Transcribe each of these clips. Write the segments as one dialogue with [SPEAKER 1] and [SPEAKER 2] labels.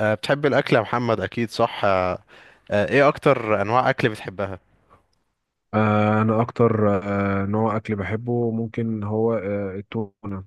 [SPEAKER 1] بتحب الأكل يا محمد؟ أكيد صح. أه. إيه أكتر أنواع أكل بتحبها؟
[SPEAKER 2] انا اكتر نوع اكل بحبه، ممكن هو التونه.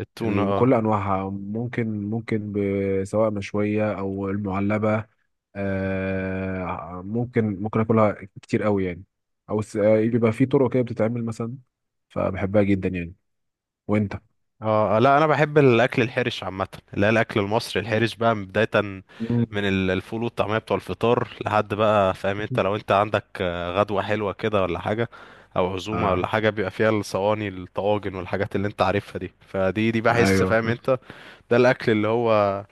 [SPEAKER 1] التونة. أه.
[SPEAKER 2] بكل انواعها، ممكن سواء مشويه او المعلبه. ممكن اكلها كتير قوي يعني، او بيبقى في طرق كده بتتعمل مثلا، فبحبها جدا يعني. وانت؟
[SPEAKER 1] أه، لا أنا بحب الأكل الحرش عامة، اللي هي الأكل المصري الحرش بقى من بداية،
[SPEAKER 2] مم.
[SPEAKER 1] من الفول والطعمية بتوع الفطار لحد بقى فاهم أنت، لو أنت عندك غدوة حلوة كده ولا حاجة أو عزومة ولا
[SPEAKER 2] آه.
[SPEAKER 1] حاجة بيبقى فيها الصواني الطواجن والحاجات اللي أنت عارفها دي، فدي بحس
[SPEAKER 2] ايوه،
[SPEAKER 1] فاهم أنت. ده الأكل اللي هو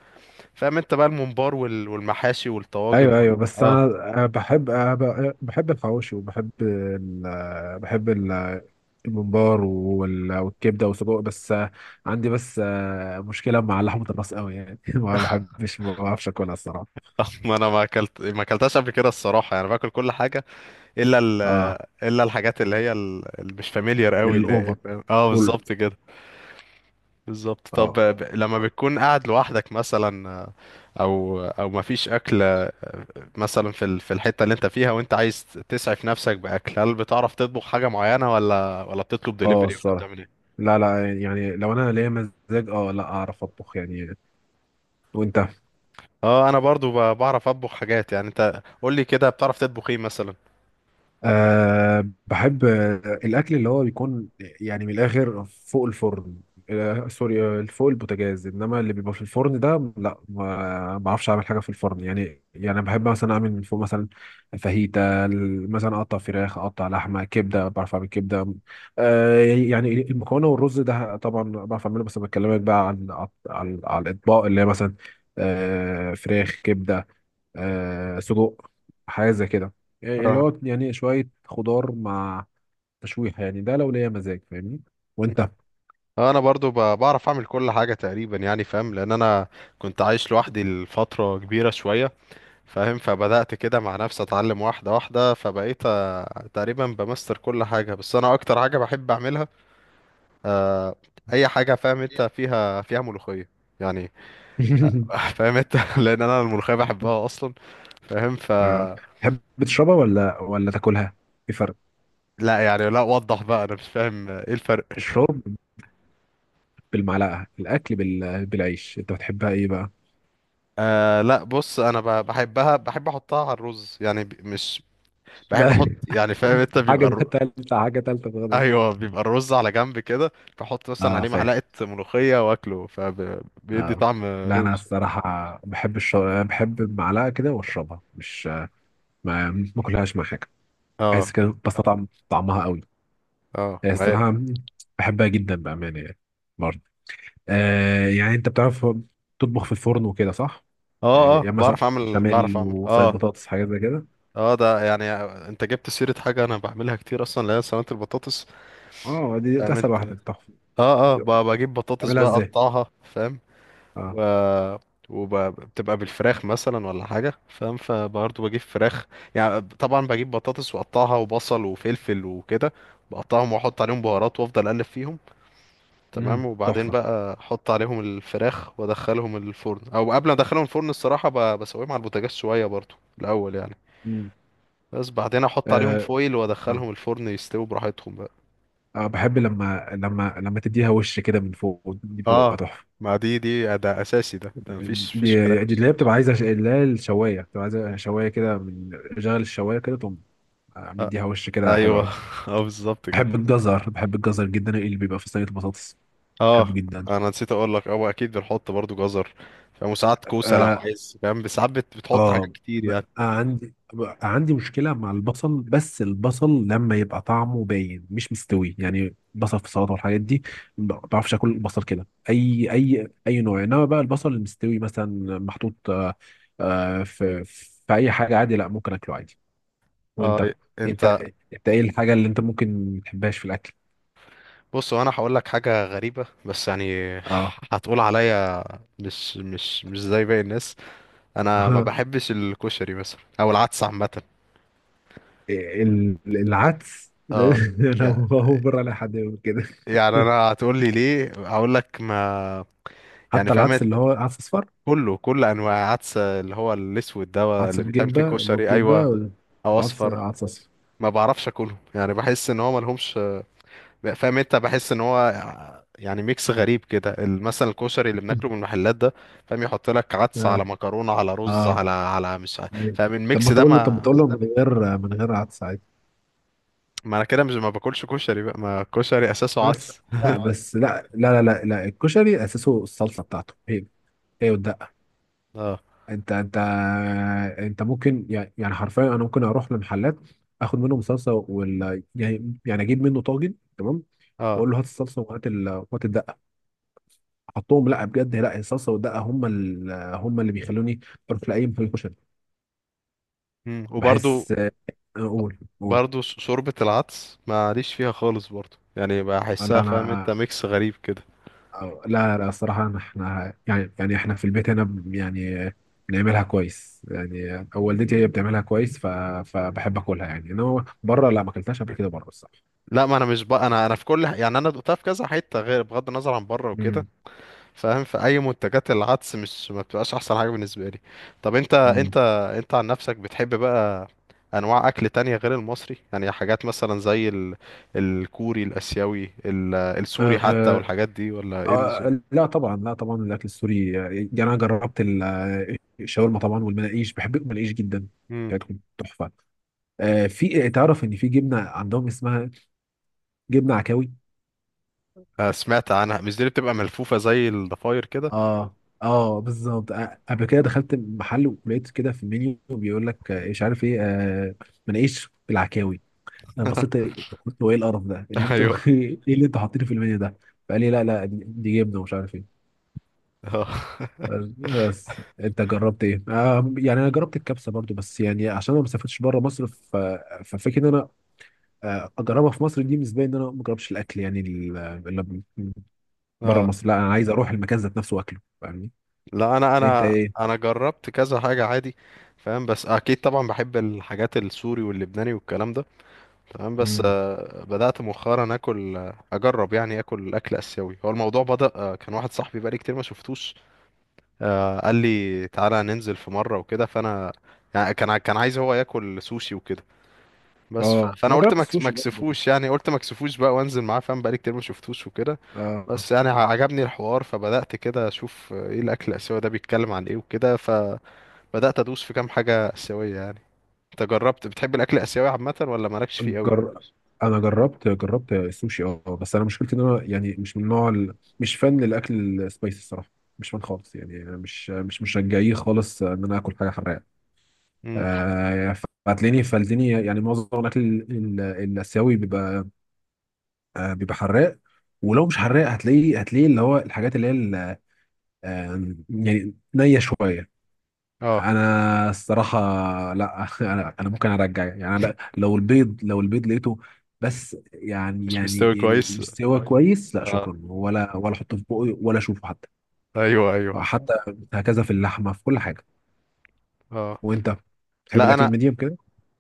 [SPEAKER 1] فاهم أنت بقى الممبار والمحاشي والطواجن
[SPEAKER 2] ايوه، ايوه. بس
[SPEAKER 1] أه.
[SPEAKER 2] انا بحب الحواوشي، وبحب ال... آه، بحب ال... الممبار والكبده والسجق. بس عندي بس مشكله مع لحمه الراس قوي يعني. ما بحبش، ما بعرفش اكلها الصراحه.
[SPEAKER 1] ما اكلتهاش قبل كده الصراحه، يعني باكل كل حاجه الا
[SPEAKER 2] اه.
[SPEAKER 1] الا الحاجات اللي هي اللي مش فاميليار قوي، اللي هي
[SPEAKER 2] الاوفر
[SPEAKER 1] فاهم؟ اه،
[SPEAKER 2] كله.
[SPEAKER 1] بالظبط كده. بالظبط. طب
[SPEAKER 2] اه،
[SPEAKER 1] لما بتكون قاعد لوحدك مثلا، او او ما فيش اكل مثلا في في الحته اللي انت فيها، وانت عايز تسعف نفسك باكل، هل بتعرف تطبخ حاجه معينه ولا بتطلب
[SPEAKER 2] اه،
[SPEAKER 1] دليفري ولا
[SPEAKER 2] الصراحه
[SPEAKER 1] بتعمل ايه؟
[SPEAKER 2] لا، لا. يعني لو انا ليا مزاج لا، اعرف اطبخ يعني. وانت؟
[SPEAKER 1] اه، انا برضو بعرف اطبخ حاجات يعني، انت قول لي كده بتعرف تطبخ ايه مثلا؟
[SPEAKER 2] بحب الأكل اللي هو بيكون يعني من الآخر فوق الفرن، سوري، فوق البوتاجاز، إنما اللي بيبقى في الفرن ده لا، ما بعرفش أعمل حاجة في الفرن يعني بحب مثلا أعمل من فوق مثلا فاهيتا، مثلا أقطع فراخ، أقطع لحمة، كبدة، بعرف أعمل كبدة. يعني المكرونة والرز ده طبعا بعرف أعمله، بس بكلمك بقى على الأطباق اللي هي مثلا فراخ، كبدة، سجق، حاجه زي كده، إيه اللي
[SPEAKER 1] اه،
[SPEAKER 2] هو يعني شويه خضار مع تشويحه يعني. ده لو ليا مزاج، فاهمني؟ وانت؟
[SPEAKER 1] انا برضو بعرف اعمل كل حاجه تقريبا يعني فاهم، لان انا كنت عايش لوحدي لفتره كبيره شويه فاهم، فبدات كده مع نفسي اتعلم واحده واحده، فبقيت تقريبا بمستر كل حاجه، بس انا اكتر حاجه بحب اعملها آه، اي حاجه فاهم انت فيها فيها ملوخيه يعني. فاهم انت. لان انا الملوخيه بحبها اصلا فاهم،
[SPEAKER 2] آه. تحب تشربها ولا تاكلها؟ في فرق.
[SPEAKER 1] لا يعني، لا وضح بقى، انا مش فاهم ايه الفرق.
[SPEAKER 2] الشرب بالمعلقه، الاكل بالعيش. انت بتحبها ايه بقى؟
[SPEAKER 1] آه لا بص، انا بحبها، بحب احطها على الرز يعني، مش
[SPEAKER 2] ده
[SPEAKER 1] بحب احط يعني فاهم انت، بيبقى
[SPEAKER 2] حاجه، ده تالته، حاجه تالته خالص.
[SPEAKER 1] ايوه، بيبقى الرز على جنب كده، بحط مثلا
[SPEAKER 2] اه
[SPEAKER 1] عليه
[SPEAKER 2] فاهم.
[SPEAKER 1] معلقه ملوخيه واكله، فبيدي
[SPEAKER 2] اه.
[SPEAKER 1] طعم.
[SPEAKER 2] لا انا
[SPEAKER 1] روش.
[SPEAKER 2] الصراحه بحب المعلقه كده واشربها، مش ما اكلهاش مع حاجه،
[SPEAKER 1] اه.
[SPEAKER 2] بحس كده بستطعم طعمها قوي.
[SPEAKER 1] اه،
[SPEAKER 2] هي
[SPEAKER 1] ما هي.
[SPEAKER 2] الصراحة بحبها جدا بأمانة يعني، برضه. يعني أنت بتعرف تطبخ في الفرن وكده، صح؟
[SPEAKER 1] اه. اه،
[SPEAKER 2] يعني مثلا
[SPEAKER 1] بعرف اعمل بعرف
[SPEAKER 2] بشاميل،
[SPEAKER 1] اعمل
[SPEAKER 2] وصيد
[SPEAKER 1] اه.
[SPEAKER 2] بطاطس، حاجات زي كده.
[SPEAKER 1] اه، ده يعني، انت جبت سيره حاجه انا بعملها كتير اصلا، اللي هي سلطه البطاطس
[SPEAKER 2] اه، دي
[SPEAKER 1] فاهم
[SPEAKER 2] أسهل
[SPEAKER 1] انت.
[SPEAKER 2] واحدة، تحفة.
[SPEAKER 1] اه اه، بجيب بطاطس
[SPEAKER 2] بتعملها
[SPEAKER 1] بقى
[SPEAKER 2] ازاي؟
[SPEAKER 1] اقطعها فاهم،
[SPEAKER 2] اه.
[SPEAKER 1] و... وبتبقى بالفراخ مثلا ولا حاجة فاهم، فبرضه بجيب فراخ، يعني طبعا بجيب بطاطس واقطعها وبصل وفلفل وكده، بقطعهم واحط عليهم بهارات وافضل اقلب فيهم
[SPEAKER 2] امم،
[SPEAKER 1] تمام، وبعدين
[SPEAKER 2] تحفة.
[SPEAKER 1] بقى احط عليهم الفراخ وادخلهم الفرن، او قبل ما ادخلهم الفرن الصراحة بسويهم على البوتاجاز شوية برضه الاول يعني،
[SPEAKER 2] امم.
[SPEAKER 1] بس بعدين احط عليهم
[SPEAKER 2] آه.
[SPEAKER 1] فويل
[SPEAKER 2] آه.
[SPEAKER 1] وادخلهم الفرن يستووا براحتهم بقى.
[SPEAKER 2] اه، بحب لما لما تديها وش كده من فوق، دي بتبقى
[SPEAKER 1] اه،
[SPEAKER 2] تحفة.
[SPEAKER 1] ما دي ده اساسي، ده
[SPEAKER 2] دي
[SPEAKER 1] مفيش كلام.
[SPEAKER 2] دي اللي هي بتبقى عايزة اللي هي الشواية، بتبقى عايزة شواية كده، من شغل الشواية كده تقوم
[SPEAKER 1] آه،
[SPEAKER 2] مديها وش كده، حلو
[SPEAKER 1] ايوه.
[SPEAKER 2] أوي.
[SPEAKER 1] اه، بالظبط كده.
[SPEAKER 2] بحب الجزر، بحب الجزر جدا اللي بيبقى في صينية البطاطس، بحبه
[SPEAKER 1] اه،
[SPEAKER 2] جدا.
[SPEAKER 1] انا نسيت اقول لك اه اكيد بنحط برضو جزر فاهم، وساعات كوسه لو
[SPEAKER 2] اه،
[SPEAKER 1] عايز فاهم، بس ساعات بتحط حاجات
[SPEAKER 2] اه.
[SPEAKER 1] كتير
[SPEAKER 2] بقى
[SPEAKER 1] يعني.
[SPEAKER 2] عندي بقى عندي مشكلة مع البصل، بس البصل لما يبقى طعمه باين مش مستوي، يعني بصل في السلطة والحاجات دي ما بعرفش اكل البصل كده اي نوع. انما بقى البصل المستوي مثلا محطوط في اي حاجة، عادي، لا ممكن اكله عادي. وانت،
[SPEAKER 1] اه.
[SPEAKER 2] انت
[SPEAKER 1] انت.
[SPEAKER 2] انت ايه الحاجة اللي انت ممكن ما تحبهاش في الاكل؟
[SPEAKER 1] بص، هو انا هقول لك حاجه غريبه بس يعني.
[SPEAKER 2] اه.
[SPEAKER 1] هتقول عليا مش زي باقي الناس، انا ما بحبش الكشري مثلا او العدس عامه.
[SPEAKER 2] العدس.
[SPEAKER 1] اه.
[SPEAKER 2] لو
[SPEAKER 1] يع-
[SPEAKER 2] هو بره، لا حد يقول كده.
[SPEAKER 1] يعني انا هتقول لي ليه، هقول لك ما يعني
[SPEAKER 2] حتى العدس
[SPEAKER 1] فهمت،
[SPEAKER 2] اللي هو عدس اصفر،
[SPEAKER 1] كله، كل انواع عدس اللي هو الاسود ده
[SPEAKER 2] عدس
[SPEAKER 1] اللي بيتعمل فيه
[SPEAKER 2] بجبه اللي هو
[SPEAKER 1] كشري
[SPEAKER 2] بجبه،
[SPEAKER 1] ايوه، او
[SPEAKER 2] وعدس
[SPEAKER 1] اصفر،
[SPEAKER 2] عدس اصفر.
[SPEAKER 1] ما بعرفش اكلهم يعني، بحس ان هو ملهمش فاهم انت، بحس ان هو يعني ميكس غريب كده، مثلا الكشري اللي بناكله من المحلات ده فاهم، يحط لك عدس
[SPEAKER 2] اه،
[SPEAKER 1] على مكرونه على رز على
[SPEAKER 2] اه،
[SPEAKER 1] على مش
[SPEAKER 2] إيه.
[SPEAKER 1] فاهم
[SPEAKER 2] طب
[SPEAKER 1] الميكس
[SPEAKER 2] ما
[SPEAKER 1] ده،
[SPEAKER 2] تقول له،
[SPEAKER 1] ما
[SPEAKER 2] من غير من غير عدس، عادي.
[SPEAKER 1] ما انا كده مش ما باكلش كشري بقى، ما الكشري اساسه
[SPEAKER 2] بس
[SPEAKER 1] عدس.
[SPEAKER 2] لا، بس لا لا لا لا، لا. الكشري اساسه الصلصه بتاعته، هي هي والدقه.
[SPEAKER 1] اه.
[SPEAKER 2] انت انت انت ممكن يعني حرفيا، انا ممكن اروح لمحلات، اخد منهم صلصه ولا يعني اجيب منه طاجن، تمام،
[SPEAKER 1] اه.
[SPEAKER 2] واقول له هات الصلصه وهات وهات الدقه، احطهم. لا بجد، لا، الصلصه والدقه هم هم اللي بيخلوني اروح لاي محل كشري.
[SPEAKER 1] مم. وبرضو
[SPEAKER 2] بحس اقول
[SPEAKER 1] برضو شوربه العدس ماليش فيها خالص برضو يعني،
[SPEAKER 2] لا
[SPEAKER 1] بحسها فاهم انت
[SPEAKER 2] انا
[SPEAKER 1] ميكس غريب كده.
[SPEAKER 2] لا لا الصراحه، احنا يعني احنا في البيت هنا يعني بنعملها كويس يعني، أو والدتي هي بتعملها كويس، فبحب اكلها يعني. انما بره، لا، ما اكلتهاش قبل كده بره الصراحه.
[SPEAKER 1] لا ما انا مش بقى، انا في كل يعني انا دقتها في كذا حته غير، بغض النظر عن بره وكده فاهم، فأي منتجات العدس مش ما بتبقاش احسن حاجة بالنسبة لي. طب انت،
[SPEAKER 2] مم.
[SPEAKER 1] انت عن نفسك بتحب بقى انواع اكل تانية غير المصري يعني، حاجات مثلا زي الكوري الاسيوي السوري حتى
[SPEAKER 2] آه،
[SPEAKER 1] والحاجات دي، ولا ايه النظام؟
[SPEAKER 2] آه، لا طبعا، لا طبعا الاكل السوري، يعني انا جربت الشاورما طبعا، والمناقيش، بحب المناقيش جدا
[SPEAKER 1] امم.
[SPEAKER 2] بتاعتهم، تحفه. في، تعرف ان في جبنه عندهم اسمها جبنه عكاوي.
[SPEAKER 1] سمعت عنها، مش دي اللي بتبقى ملفوفة زي الضفاير كده؟
[SPEAKER 2] اه، اه، بالظبط. قبل كده دخلت محل ولقيت كده في المنيو بيقول لك مش عارف ايه، مناقيش بالعكاوي. انا بصيت، قلت هو ايه القرف ده، إيه اللي انتوا
[SPEAKER 1] ايوه.
[SPEAKER 2] ايه اللي انتوا حاطينه في المنيو ده؟ فقال لي لا، لا دي جبنه ومش عارف ايه.
[SPEAKER 1] اه.
[SPEAKER 2] بس انت جربت ايه؟ يعني انا جربت الكبسه برضو، بس يعني عشان انا ما سافرتش بره مصر، ففكره ان انا اجربها في مصر، دي بالنسبه لي ان انا ما جربش الاكل يعني اللي بره
[SPEAKER 1] اه،
[SPEAKER 2] مصر. لا انا عايز اروح المكان ذات نفسه واكله، فاهمني؟
[SPEAKER 1] لا انا
[SPEAKER 2] انت
[SPEAKER 1] انا
[SPEAKER 2] ايه؟
[SPEAKER 1] انا جربت كذا حاجة عادي فاهم، بس اكيد طبعا بحب الحاجات السوري واللبناني والكلام ده تمام، بس
[SPEAKER 2] مم.
[SPEAKER 1] بدأت مؤخرا اكل، اجرب يعني اكل اسيوي، هو الموضوع بدأ كان واحد صاحبي بقالي كتير ما شفتوش، قال لي تعالى ننزل في مرة وكده، فانا يعني كان كان عايز هو ياكل سوشي وكده، بس
[SPEAKER 2] اه
[SPEAKER 1] فانا
[SPEAKER 2] ما
[SPEAKER 1] قلت
[SPEAKER 2] جربت
[SPEAKER 1] ما ما
[SPEAKER 2] السوشي برضو.
[SPEAKER 1] اكسفوش يعني، قلت ما اكسفوش بقى وانزل معاه فاهم، بقالي كتير ما شفتوش وكده،
[SPEAKER 2] آه.
[SPEAKER 1] بس يعني عجبني الحوار، فبدأت كده اشوف ايه الاكل الاسيوي ده بيتكلم عن ايه وكده، فبدأت ادوس في كام حاجة اسيوية يعني. انت جربت؟ بتحب الاكل الاسيوي عامة ولا مالكش فيه قوي؟
[SPEAKER 2] جر... انا جربت السوشي، اه. بس انا مشكلتي ان انا يعني مش من نوع مش فان للاكل السبايسي الصراحه، مش فان خالص يعني. أنا مش رجعيه خالص ان انا اكل حاجه حراقه.
[SPEAKER 1] امم.
[SPEAKER 2] آه، فهتلاقيني فالدنيا، يعني معظم الاكل الاسيوي بيبقى، بيبقى حراق، ولو مش حراق هتلاقيه، هتلاقيه اللي هو الحاجات اللي هي يعني نيه شويه.
[SPEAKER 1] اه،
[SPEAKER 2] انا الصراحه، لا. انا ممكن ارجع يعني، أنا لا، لو البيض، لو البيض لقيته بس يعني
[SPEAKER 1] مش مستوي كويس.
[SPEAKER 2] مستوى كويس، لا
[SPEAKER 1] اه.
[SPEAKER 2] شكرا، ولا احطه في بوقي، ولا اشوفه
[SPEAKER 1] ايوه.
[SPEAKER 2] حتى هكذا في اللحمه، في كل حاجه.
[SPEAKER 1] اه،
[SPEAKER 2] وانت بتحب
[SPEAKER 1] لا
[SPEAKER 2] الاكل
[SPEAKER 1] انا
[SPEAKER 2] الميديم كده؟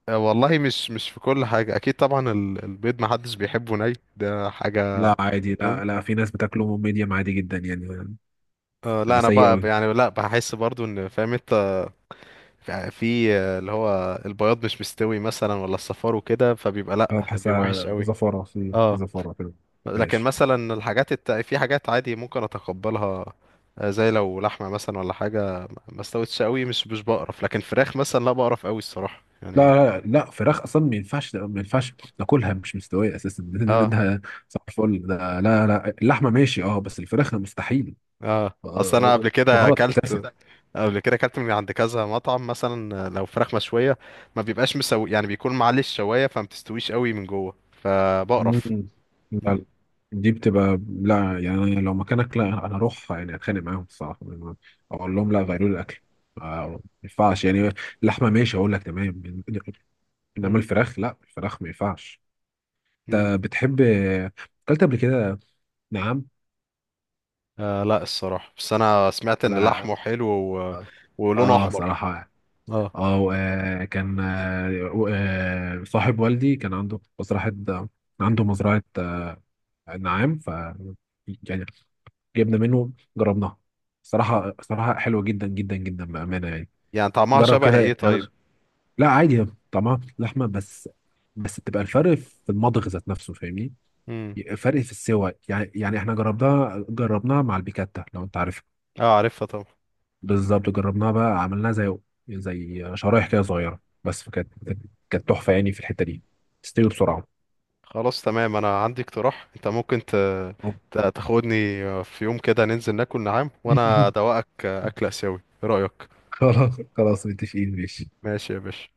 [SPEAKER 1] والله مش في كل حاجه اكيد طبعا، البيض ما حدش بيحبه ني، ده حاجه.
[SPEAKER 2] لا عادي،
[SPEAKER 1] تمام.
[SPEAKER 2] لا لا في ناس بتاكله ميديم عادي جدا يعني.
[SPEAKER 1] آه لا،
[SPEAKER 2] بيبقى
[SPEAKER 1] انا
[SPEAKER 2] سيء
[SPEAKER 1] بقى
[SPEAKER 2] قوي.
[SPEAKER 1] يعني لا بحس برضو ان فاهم انت، في اللي هو البياض مش مستوي مثلا ولا الصفار وكده، فبيبقى لا
[SPEAKER 2] اه،
[SPEAKER 1] بيبقى وحش
[SPEAKER 2] بحسها
[SPEAKER 1] قوي.
[SPEAKER 2] زفاره، في
[SPEAKER 1] اه.
[SPEAKER 2] زفاره كده،
[SPEAKER 1] لكن
[SPEAKER 2] مفيهاش.
[SPEAKER 1] مثلا الحاجات في حاجات عادي ممكن اتقبلها، زي لو لحمه مثلا ولا حاجه ما استوتش قوي، مش بقرف، لكن فراخ مثلا لا بقرف قوي الصراحه
[SPEAKER 2] لا،
[SPEAKER 1] يعني.
[SPEAKER 2] لا لا، فراخ اصلا ما ينفعش، ما ينفعش ناكلها مش مستويه اساسا. ده
[SPEAKER 1] اه.
[SPEAKER 2] ده صباح الفل. ده لا، لا اللحمه ماشي اه، بس الفراخ ده مستحيل.
[SPEAKER 1] اه،
[SPEAKER 2] آه،
[SPEAKER 1] اصل انا
[SPEAKER 2] آه،
[SPEAKER 1] قبل كده
[SPEAKER 2] غلط
[SPEAKER 1] اكلت،
[SPEAKER 2] اساسا.
[SPEAKER 1] قبل كده اكلت من عند كذا مطعم مثلا، لو فراخ مشويه ما بيبقاش مسوي يعني، بيكون معلي الشوايه، فما بتستويش قوي من جوه
[SPEAKER 2] مم.
[SPEAKER 1] فبقرف.
[SPEAKER 2] لا،
[SPEAKER 1] مم.
[SPEAKER 2] لا. دي بتبقى لا يعني، أنا لو مكانك لا، انا اروح يعني اتخانق معاهم الصراحه، اقول لهم لا غيروا لي الاكل، آه، ما ينفعش يعني. لحمه ماشي اقول لك، تمام. انما
[SPEAKER 1] مم.
[SPEAKER 2] الفراخ لا، الفراخ ما ينفعش.
[SPEAKER 1] مم.
[SPEAKER 2] انت بتحب، اكلت قبل كده؟ نعم.
[SPEAKER 1] آه لا الصراحه، بس انا سمعت ان
[SPEAKER 2] على،
[SPEAKER 1] لحمه حلو و...
[SPEAKER 2] اه.
[SPEAKER 1] ولونه احمر.
[SPEAKER 2] صراحه يعني.
[SPEAKER 1] اه.
[SPEAKER 2] اه، كان صاحب والدي كان عنده مزرعه، عنده مزرعه نعام. يعني جبنا منه، جربناها، صراحه صراحه حلوه جدا جدا جدا بامانه يعني.
[SPEAKER 1] يعني طعمها
[SPEAKER 2] جرب
[SPEAKER 1] شبه ايه
[SPEAKER 2] كده يعني.
[SPEAKER 1] طيب؟
[SPEAKER 2] لا عادي، طعمها لحمه بس بتبقى الفرق في المضغ ذات نفسه، فاهمني؟
[SPEAKER 1] مم.
[SPEAKER 2] فرق في السوى يعني. احنا جربناها، جربناها مع البيكاتا لو انت عارفها.
[SPEAKER 1] اه، عارفها طبعا.
[SPEAKER 2] بالظبط، جربناها بقى، عملناها زي زي شرايح كده صغيره، بس كانت تحفه يعني في الحته دي، تستوي بسرعه.
[SPEAKER 1] خلاص تمام، انا عندي اقتراح، انت ممكن تاخدني في يوم كده ننزل ناكل نعام، وانا ادوقك اكل اسيوي، ايه رايك؟
[SPEAKER 2] خلاص خلاص متفقين، ماشي.
[SPEAKER 1] ماشي يا باشا.